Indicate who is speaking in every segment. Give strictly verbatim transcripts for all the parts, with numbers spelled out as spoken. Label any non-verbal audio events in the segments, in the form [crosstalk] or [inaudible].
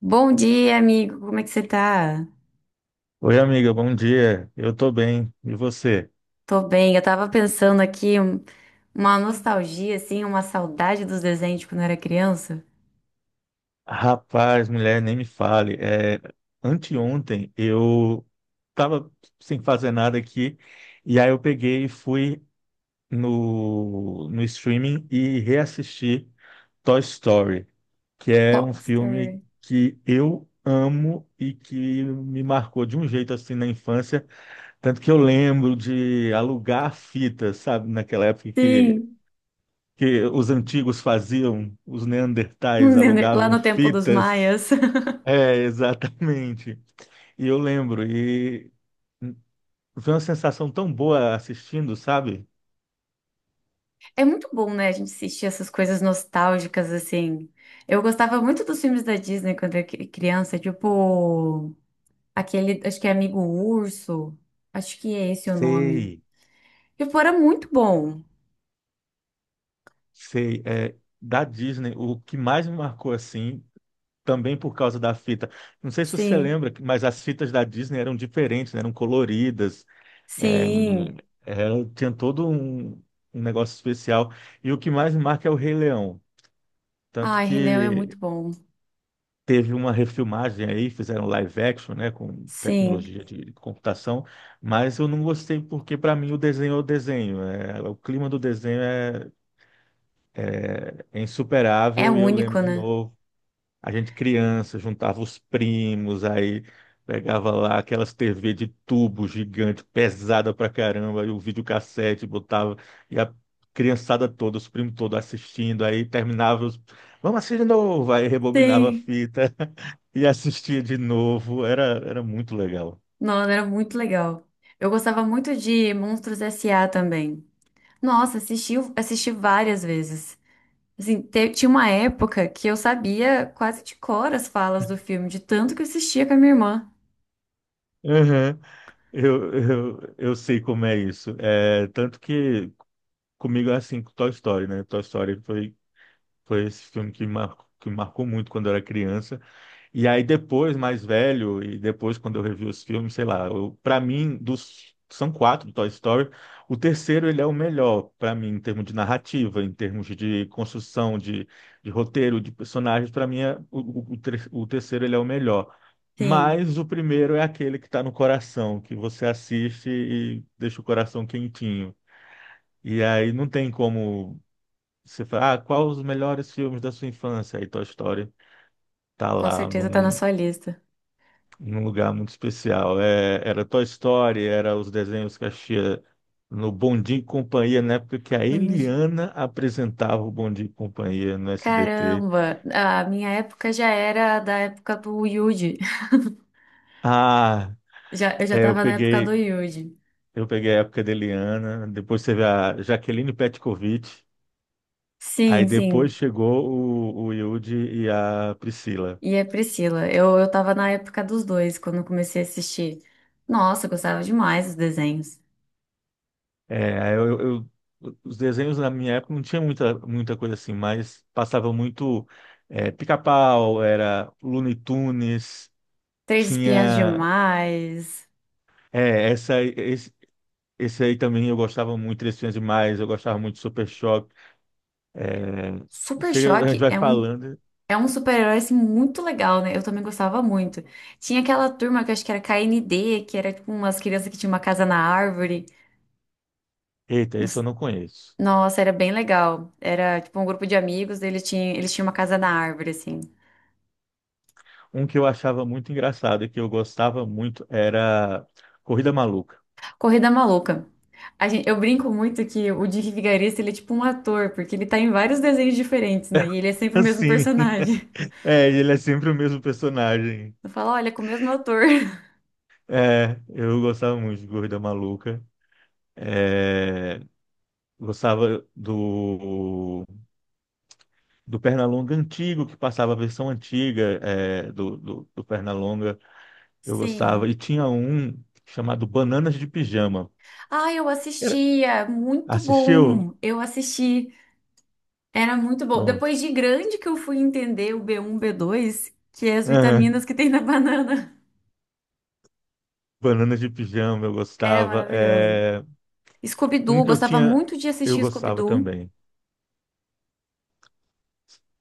Speaker 1: Bom dia, amigo. Como é que você tá?
Speaker 2: Oi, amiga, bom dia. Eu tô bem. E você?
Speaker 1: Tô bem. Eu tava pensando aqui um- uma nostalgia, assim, uma saudade dos desenhos de quando eu era criança.
Speaker 2: Rapaz, mulher, nem me fale. É, anteontem eu tava sem fazer nada aqui e aí eu peguei e fui no, no streaming e reassisti Toy Story, que é um
Speaker 1: Toy
Speaker 2: filme
Speaker 1: Story.
Speaker 2: que eu amo e que me marcou de um jeito assim na infância, tanto que eu lembro de alugar fitas, sabe, naquela época que
Speaker 1: Sim.
Speaker 2: que os antigos faziam, os neandertais
Speaker 1: [laughs] Lá
Speaker 2: alugavam
Speaker 1: no tempo dos
Speaker 2: fitas.
Speaker 1: maias. [laughs]
Speaker 2: É, [laughs] exatamente. E eu lembro, e foi uma sensação tão boa assistindo, sabe?
Speaker 1: É muito bom, né? A gente assistir essas coisas nostálgicas, assim. Eu gostava muito dos filmes da Disney quando eu era cri- criança, tipo aquele, acho que é Amigo Urso. Acho que é esse o nome.
Speaker 2: Sei,
Speaker 1: Tipo, era muito bom.
Speaker 2: sei. É, da Disney, o que mais me marcou assim, também por causa da fita. Não sei se você
Speaker 1: Sim,
Speaker 2: lembra, mas as fitas da Disney eram diferentes, né? Eram coloridas, é,
Speaker 1: sim.
Speaker 2: é, tinha todo um, um negócio especial. E o que mais me marca é o Rei Leão. Tanto
Speaker 1: Ai, Rei Leão é muito
Speaker 2: que
Speaker 1: bom.
Speaker 2: teve uma refilmagem aí, fizeram live action, né, com
Speaker 1: Sim,
Speaker 2: tecnologia de computação, mas eu não gostei porque, para mim, o desenho é o desenho. É- o clima do desenho é, é
Speaker 1: é
Speaker 2: insuperável e eu lembro
Speaker 1: único,
Speaker 2: de
Speaker 1: né?
Speaker 2: novo a gente criança juntava os primos, aí pegava lá aquelas tê vê de tubo gigante, pesada pra caramba, e o videocassete botava, e a criançada toda, os primos todos assistindo, aí terminava os... Vamos assistir de novo! Aí rebobinava a
Speaker 1: Sim.
Speaker 2: fita [laughs] e assistia de novo. Era, era muito legal.
Speaker 1: Nossa, era muito legal. Eu gostava muito de Monstros S A também. Nossa, assisti, assisti várias vezes. Assim, te- tinha uma época que eu sabia quase de cor as falas do filme, de tanto que eu assistia com a minha irmã.
Speaker 2: Uhum. Eu, eu, eu sei como é isso. É, tanto que comigo é assim com Toy Story, né? Toy Story foi, foi esse filme que, mar, que marcou muito quando eu era criança. E aí depois, mais velho, e depois quando eu revi os filmes, sei lá, eu, para mim, dos são quatro do Toy Story, o terceiro ele é o melhor para mim em termos de narrativa, em termos de construção, de, de roteiro, de personagens, para mim é, o, o, o ter- o terceiro ele é o melhor.
Speaker 1: Sim,
Speaker 2: Mas o primeiro é aquele que está no coração, que você assiste e deixa o coração quentinho. E aí não tem como você falar, ah, qual os melhores filmes da sua infância? Aí Toy Story tá
Speaker 1: com
Speaker 2: lá,
Speaker 1: certeza
Speaker 2: não,
Speaker 1: tá na sua lista.
Speaker 2: num lugar muito especial. É, era Toy Story, era os desenhos que assistia no Bom Dia e Companhia, na época que a
Speaker 1: No Mude.
Speaker 2: Eliana apresentava o Bom Dia e Companhia no S B T.
Speaker 1: Caramba, a minha época já era da época do Yuji. [laughs]
Speaker 2: Ah,
Speaker 1: Já, eu já
Speaker 2: é, eu
Speaker 1: tava na época do
Speaker 2: peguei,
Speaker 1: Yuji.
Speaker 2: eu peguei a época da Eliana, depois teve a Jaqueline Petkovic, aí
Speaker 1: Sim, sim.
Speaker 2: depois chegou o, o Yudi e a Priscila.
Speaker 1: E a Priscila. Eu, eu tava na época dos dois, quando eu comecei a assistir. Nossa, eu gostava demais dos desenhos.
Speaker 2: É, eu, eu- os desenhos na minha época não tinha muita, muita coisa assim, mas passava muito é, Pica-Pau, era Looney Tunes,
Speaker 1: Três Espiãs
Speaker 2: tinha
Speaker 1: Demais.
Speaker 2: é, essa, aí- esse, esse aí também eu gostava muito, Três Espiãs Demais, eu gostava muito de Super Choque. É,
Speaker 1: Super
Speaker 2: chega, a gente
Speaker 1: Choque
Speaker 2: vai
Speaker 1: é um,
Speaker 2: falando,
Speaker 1: é um super-herói assim, muito legal, né? Eu também gostava muito. Tinha aquela turma que eu acho que era K N D que era tipo umas crianças que tinham uma casa na árvore.
Speaker 2: eita, esse eu
Speaker 1: Nos-
Speaker 2: não conheço.
Speaker 1: Nossa, era bem legal. Era tipo um grupo de amigos, eles tinham, eles tinham uma casa na árvore, assim.
Speaker 2: Um que eu achava muito engraçado e que eu gostava muito era Corrida Maluca.
Speaker 1: Corrida Maluca. A gente, eu brinco muito que o Dick Vigarista, ele é tipo um ator, porque ele tá em vários desenhos diferentes, né? E ele é
Speaker 2: [laughs]
Speaker 1: sempre o mesmo
Speaker 2: Assim,
Speaker 1: personagem. [laughs]
Speaker 2: é, ele é sempre o mesmo personagem.
Speaker 1: Eu falo, olha, é com o mesmo ator. [laughs]
Speaker 2: É, eu gostava muito de Corrida Maluca. É, gostava do, do Pernalonga antigo, que passava a versão antiga é, do, do, do Pernalonga. Eu
Speaker 1: Sim.
Speaker 2: gostava. E tinha um chamado Bananas de Pijama.
Speaker 1: Ah, eu
Speaker 2: Era-
Speaker 1: assistia. Muito
Speaker 2: Assistiu?
Speaker 1: bom. Eu assisti. Era muito bom.
Speaker 2: Pronto.
Speaker 1: Depois de grande que eu fui entender o b um, b dois, que é as
Speaker 2: Aham.
Speaker 1: vitaminas que tem na [laughs] banana.
Speaker 2: Bananas de Pijama, eu
Speaker 1: Era
Speaker 2: gostava.
Speaker 1: maravilhoso.
Speaker 2: É, um
Speaker 1: Scooby-Doo,
Speaker 2: que eu
Speaker 1: gostava
Speaker 2: tinha,
Speaker 1: muito de
Speaker 2: eu
Speaker 1: assistir
Speaker 2: gostava
Speaker 1: Scooby-Doo.
Speaker 2: também.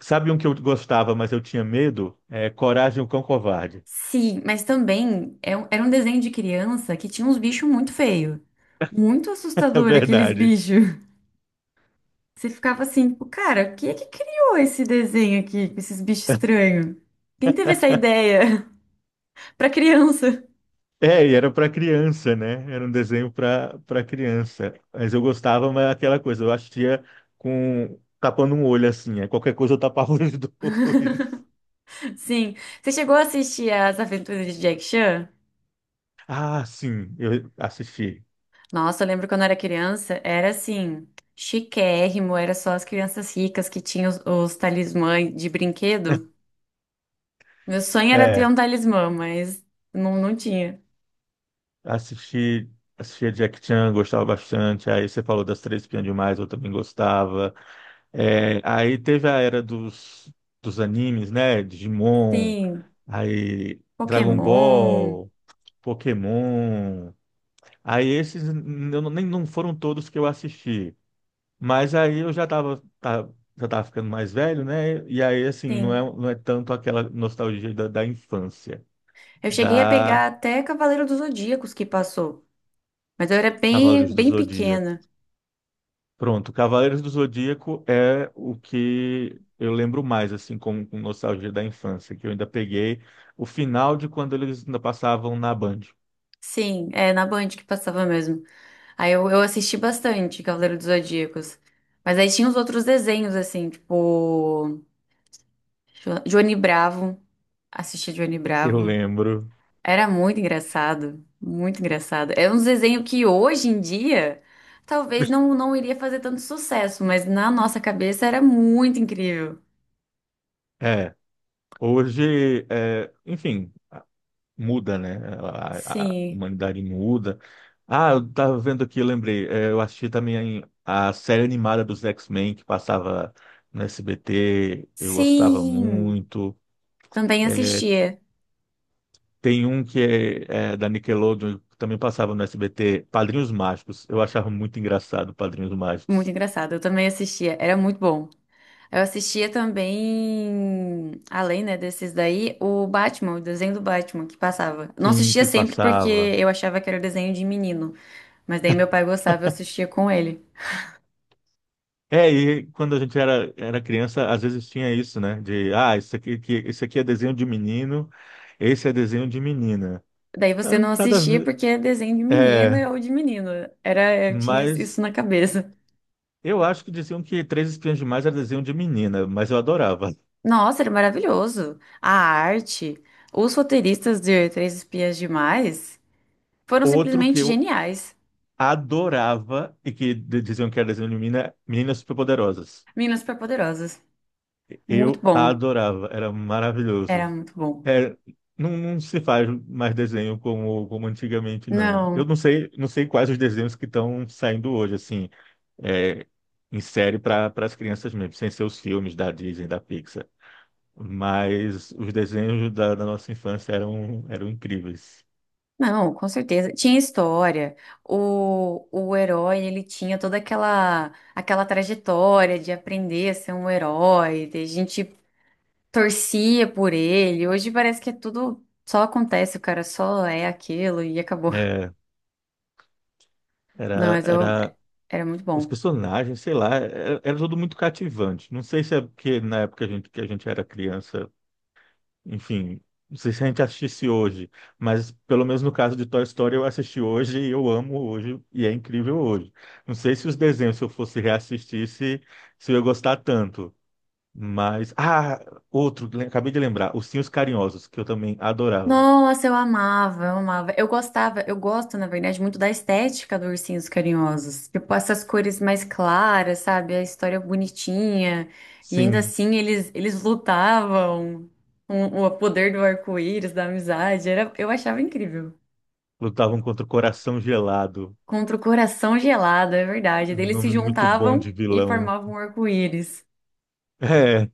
Speaker 2: Sabe um que eu gostava, mas eu tinha medo? É Coragem, o Cão Covarde.
Speaker 1: Sim, mas também é um- era um desenho de criança que tinha uns bichos muito feios. Muito
Speaker 2: [laughs] É
Speaker 1: assustador aqueles
Speaker 2: verdade.
Speaker 1: bichos. [laughs] Você ficava assim, tipo, cara, quem é que criou esse desenho aqui, com esses bichos estranhos? Quem teve essa ideia? [laughs] Pra criança.
Speaker 2: É, e era para criança, né? Era um desenho para para criança. Mas eu gostava, mas aquela coisa, eu assistia com tapando um olho assim, aí qualquer coisa eu tapava os [laughs] dois.
Speaker 1: Sim. Você chegou a assistir As Aventuras de Jack Chan?
Speaker 2: Ah, sim, eu assisti.
Speaker 1: Nossa, eu lembro quando eu era criança, era assim, chiquérrimo, era só as crianças ricas que tinham os, os talismãs de brinquedo. Meu sonho era ter
Speaker 2: É,
Speaker 1: um talismã, mas não, não tinha.
Speaker 2: assisti, assistia Jack Chan, gostava bastante. Aí você falou das Três Espiãs Demais, eu também gostava. É, aí teve a era dos dos animes, né? Digimon,
Speaker 1: Sim.
Speaker 2: aí Dragon
Speaker 1: Pokémon,
Speaker 2: Ball, Pokémon. Aí esses n- eu não- Nem não foram todos que eu assisti, mas aí eu já estava já tava ficando mais velho, né? E aí assim, não é
Speaker 1: sim.
Speaker 2: não é tanto aquela nostalgia da, da infância,
Speaker 1: Eu cheguei a
Speaker 2: da
Speaker 1: pegar até Cavaleiro dos Zodíacos que passou, mas eu era bem,
Speaker 2: Cavaleiros do
Speaker 1: bem
Speaker 2: Zodíaco.
Speaker 1: pequena.
Speaker 2: Pronto, Cavaleiros do Zodíaco é o que eu lembro mais assim com, com nostalgia da infância, que eu ainda peguei o final de quando eles ainda passavam na Band.
Speaker 1: Sim, é na Band que passava mesmo. Aí eu, eu assisti bastante Cavaleiro dos Zodíacos. Mas aí tinha os outros desenhos, assim, tipo. Jo- Johnny Bravo. Assisti Johnny
Speaker 2: Eu
Speaker 1: Bravo.
Speaker 2: lembro.
Speaker 1: Era muito engraçado. Muito engraçado. É um desenho que hoje em dia talvez não,
Speaker 2: [laughs]
Speaker 1: não iria fazer tanto sucesso, mas na nossa cabeça era muito incrível.
Speaker 2: É, hoje, é, enfim, muda, né? A, a
Speaker 1: Sim.
Speaker 2: humanidade muda. Ah, eu tava vendo aqui, eu lembrei. É, eu assisti também a série animada dos X-Men que passava no S B T. Eu gostava
Speaker 1: Sim,
Speaker 2: muito.
Speaker 1: também
Speaker 2: É,
Speaker 1: assistia.
Speaker 2: tem um que é, é da Nickelodeon, que também passava no S B T, Padrinhos Mágicos. Eu achava muito engraçado Padrinhos
Speaker 1: Muito
Speaker 2: Mágicos.
Speaker 1: engraçado, eu também assistia, era muito bom. Eu assistia também, além, né, desses daí, o Batman, o desenho do Batman que passava. Não
Speaker 2: Sim,
Speaker 1: assistia
Speaker 2: que
Speaker 1: sempre porque
Speaker 2: passava.
Speaker 1: eu achava que era desenho de menino, mas daí meu pai gostava, eu assistia com ele.
Speaker 2: É, e quando a gente era, era criança, às vezes tinha isso, né? De, ah, isso aqui, que, isso aqui é desenho de menino, esse é desenho de menina.
Speaker 1: Daí
Speaker 2: Ah,
Speaker 1: você não
Speaker 2: nada a
Speaker 1: assistia
Speaker 2: ver.
Speaker 1: porque é desenho de
Speaker 2: É,
Speaker 1: menina ou de menino. Era, eu tinha isso
Speaker 2: mas
Speaker 1: na cabeça.
Speaker 2: eu acho que diziam que Três Espiãs Demais era desenho de menina, mas eu adorava.
Speaker 1: Nossa, era maravilhoso. A arte, os roteiristas de Três Espias Demais foram
Speaker 2: Outro que
Speaker 1: simplesmente
Speaker 2: eu
Speaker 1: geniais.
Speaker 2: adorava e que d- diziam que era desenho de menina, Meninas Superpoderosas.
Speaker 1: Meninas Superpoderosas. Muito
Speaker 2: Eu
Speaker 1: bom.
Speaker 2: adorava, era
Speaker 1: Era
Speaker 2: maravilhoso.
Speaker 1: muito bom.
Speaker 2: É, não, não se faz mais desenho como, como antigamente, não. Eu
Speaker 1: Não,
Speaker 2: não sei, não sei quais os desenhos que estão saindo hoje, assim, é, em série para as crianças mesmo, sem ser os filmes da Disney, da Pixar. Mas os desenhos da, da nossa infância eram, eram incríveis.
Speaker 1: não, com certeza. Tinha história. O, o herói, ele tinha toda aquela aquela trajetória de aprender a ser um herói. de- A gente torcia por ele. Hoje parece que é tudo só acontece, o cara só é aquilo e acabou.
Speaker 2: É,
Speaker 1: Não,
Speaker 2: era,
Speaker 1: mas eu,
Speaker 2: era
Speaker 1: era muito
Speaker 2: os
Speaker 1: bom.
Speaker 2: personagens, sei lá, era, era tudo muito cativante. Não sei se é porque na época a gente, que a gente era criança, enfim, não sei se a gente assistisse hoje, mas pelo menos no caso de Toy Story eu assisti hoje e eu amo hoje e é incrível hoje. Não sei se os desenhos, se eu fosse reassistir, se, se eu ia gostar tanto. Mas, ah, outro, le- acabei de lembrar, Ursinhos Carinhosos, que eu também adorava.
Speaker 1: Nossa, eu amava, eu amava. Eu gostava, eu gosto, na verdade, muito da estética do Ursinhos Carinhosos. Tipo, essas cores mais claras, sabe? A história bonitinha. E ainda
Speaker 2: Sim,
Speaker 1: assim, eles, eles lutavam com o poder do arco-íris, da amizade. Era, eu achava incrível.
Speaker 2: lutavam contra o Coração Gelado.
Speaker 1: Contra o coração gelado, é verdade.
Speaker 2: Um
Speaker 1: Daí eles se
Speaker 2: nome muito bom de
Speaker 1: juntavam e
Speaker 2: vilão.
Speaker 1: formavam um arco-íris.
Speaker 2: É,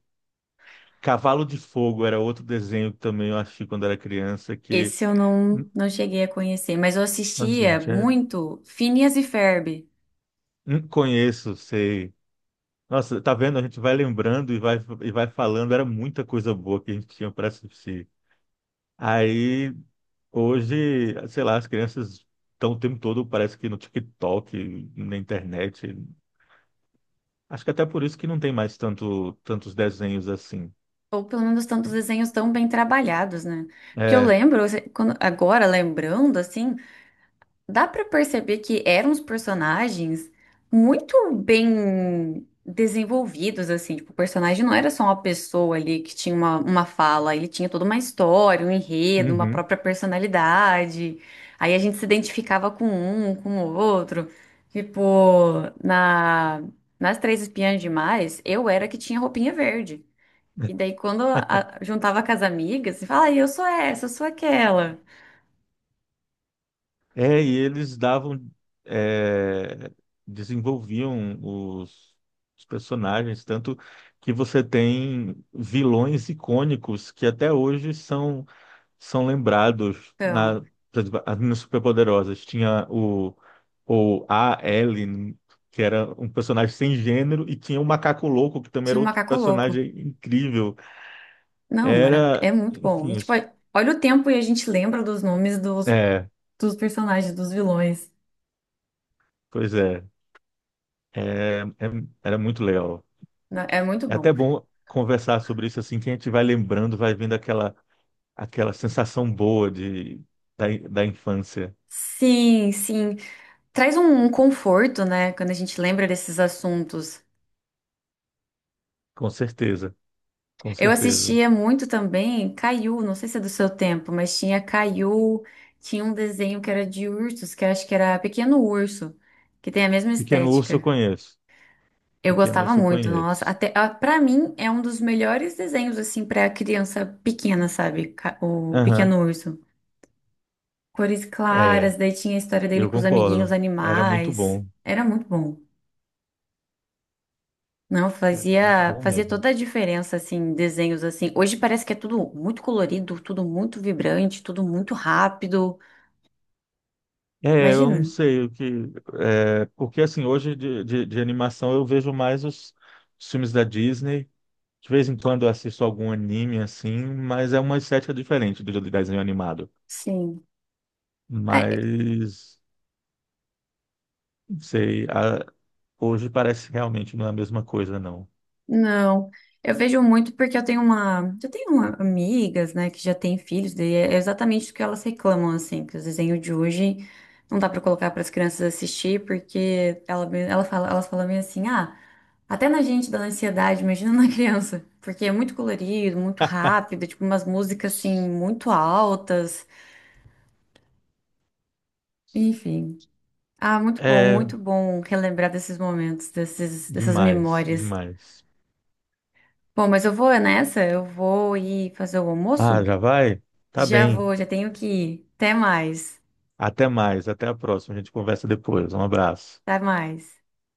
Speaker 2: Cavalo de Fogo era outro desenho que também eu achei quando era criança que.
Speaker 1: Esse eu não,
Speaker 2: Hum,
Speaker 1: não cheguei a conhecer, mas eu
Speaker 2: nossa,
Speaker 1: assistia
Speaker 2: gente, é...
Speaker 1: muito Phineas e Ferb.
Speaker 2: Hum, conheço, sei. Nossa, tá vendo? A gente vai lembrando e vai, e vai falando. Era muita coisa boa que a gente tinha para assistir. Aí, hoje, sei lá, as crianças estão o tempo todo, parece que no TikTok, na internet. Acho que até por isso que não tem mais tanto, tantos desenhos assim.
Speaker 1: Ou pelo menos tantos desenhos tão bem trabalhados, né? Porque eu
Speaker 2: É.
Speaker 1: lembro, assim, quando- agora lembrando, assim, dá pra perceber que eram os personagens muito bem desenvolvidos, assim. Tipo, o personagem não era só uma pessoa ali que tinha uma, uma fala, ele tinha toda uma história, um enredo, uma
Speaker 2: Uhum.
Speaker 1: própria personalidade. Aí a gente se identificava com um, com o outro. Tipo, na, nas Três Espiãs Demais, eu era que tinha roupinha verde. E daí, quando a- juntava com as amigas, você fala, ah, eu sou essa, eu sou aquela.
Speaker 2: É, e eles davam, é, desenvolviam os, os personagens, tanto que você tem vilões icônicos que até hoje são, são lembrados
Speaker 1: Então,
Speaker 2: na, por exemplo, as meninas superpoderosas. Tinha o, o A. Ellen, que era um personagem sem gênero, e tinha o Macaco Louco, que também
Speaker 1: tinha
Speaker 2: era
Speaker 1: um
Speaker 2: outro
Speaker 1: macaco louco.
Speaker 2: personagem incrível.
Speaker 1: Não, era, é
Speaker 2: Era,
Speaker 1: muito bom.
Speaker 2: enfim,
Speaker 1: E, tipo,
Speaker 2: os-
Speaker 1: olha o tempo e a gente lembra dos nomes dos,
Speaker 2: é,
Speaker 1: dos personagens, dos vilões.
Speaker 2: pois é, é, é- Era muito legal.
Speaker 1: Não, é muito
Speaker 2: É
Speaker 1: bom.
Speaker 2: até bom conversar sobre isso assim, que a gente vai lembrando, vai vendo aquela, aquela sensação boa de, da, da infância.
Speaker 1: Sim, sim. Traz um, um conforto, né, quando a gente lembra desses assuntos.
Speaker 2: Com certeza, com
Speaker 1: Eu
Speaker 2: certeza.
Speaker 1: assistia muito também Caiu, não sei se é do seu tempo, mas tinha Caiu, tinha um desenho que era de ursos, que eu acho que era Pequeno Urso, que tem a mesma
Speaker 2: Pequeno Urso eu
Speaker 1: estética.
Speaker 2: conheço.
Speaker 1: Eu
Speaker 2: Pequeno
Speaker 1: gostava
Speaker 2: Urso eu
Speaker 1: muito, nossa.
Speaker 2: conheço.
Speaker 1: Até ah, para mim é um dos melhores desenhos assim para criança pequena, sabe? Ca- O
Speaker 2: Aham,
Speaker 1: Pequeno Urso. Cores
Speaker 2: é,
Speaker 1: claras, daí tinha a história dele
Speaker 2: eu
Speaker 1: com os amiguinhos
Speaker 2: concordo. Era muito
Speaker 1: animais.
Speaker 2: bom.
Speaker 1: Era muito bom. Não,
Speaker 2: Era muito
Speaker 1: fazia
Speaker 2: bom
Speaker 1: fazia
Speaker 2: mesmo.
Speaker 1: toda a diferença assim, desenhos assim. Hoje parece que é tudo muito colorido, tudo muito vibrante, tudo muito rápido.
Speaker 2: É, eu não
Speaker 1: Imagina?
Speaker 2: sei o que. É, porque assim, hoje de, de, de animação eu vejo mais os, os filmes da Disney. De vez em quando eu assisto algum anime assim, mas é uma estética diferente do do desenho animado.
Speaker 1: Sim.
Speaker 2: Mas, não sei, a- hoje parece que realmente não é a mesma coisa, não.
Speaker 1: Não, eu vejo muito porque eu tenho uma, eu tenho uma- amigas, né, que já têm filhos, daí é exatamente o que elas reclamam, assim, que os desenhos de hoje não dá pra colocar pras crianças assistir, porque ela, me- ela fala, elas falam meio assim, ah, até na gente dá ansiedade, imagina na [laughs] criança, porque é muito colorido, muito
Speaker 2: [laughs]
Speaker 1: rápido, tipo umas músicas assim muito altas, enfim. Ah, muito bom,
Speaker 2: É
Speaker 1: muito bom relembrar desses momentos, desses, dessas
Speaker 2: demais,
Speaker 1: memórias.
Speaker 2: demais.
Speaker 1: Bom, mas eu vou nessa, eu vou ir fazer o
Speaker 2: Ah,
Speaker 1: almoço.
Speaker 2: já vai? Tá
Speaker 1: Já
Speaker 2: bem.
Speaker 1: vou, já tenho que ir. Até mais.
Speaker 2: Até mais, até a próxima. A gente conversa depois. Um abraço.
Speaker 1: Até mais.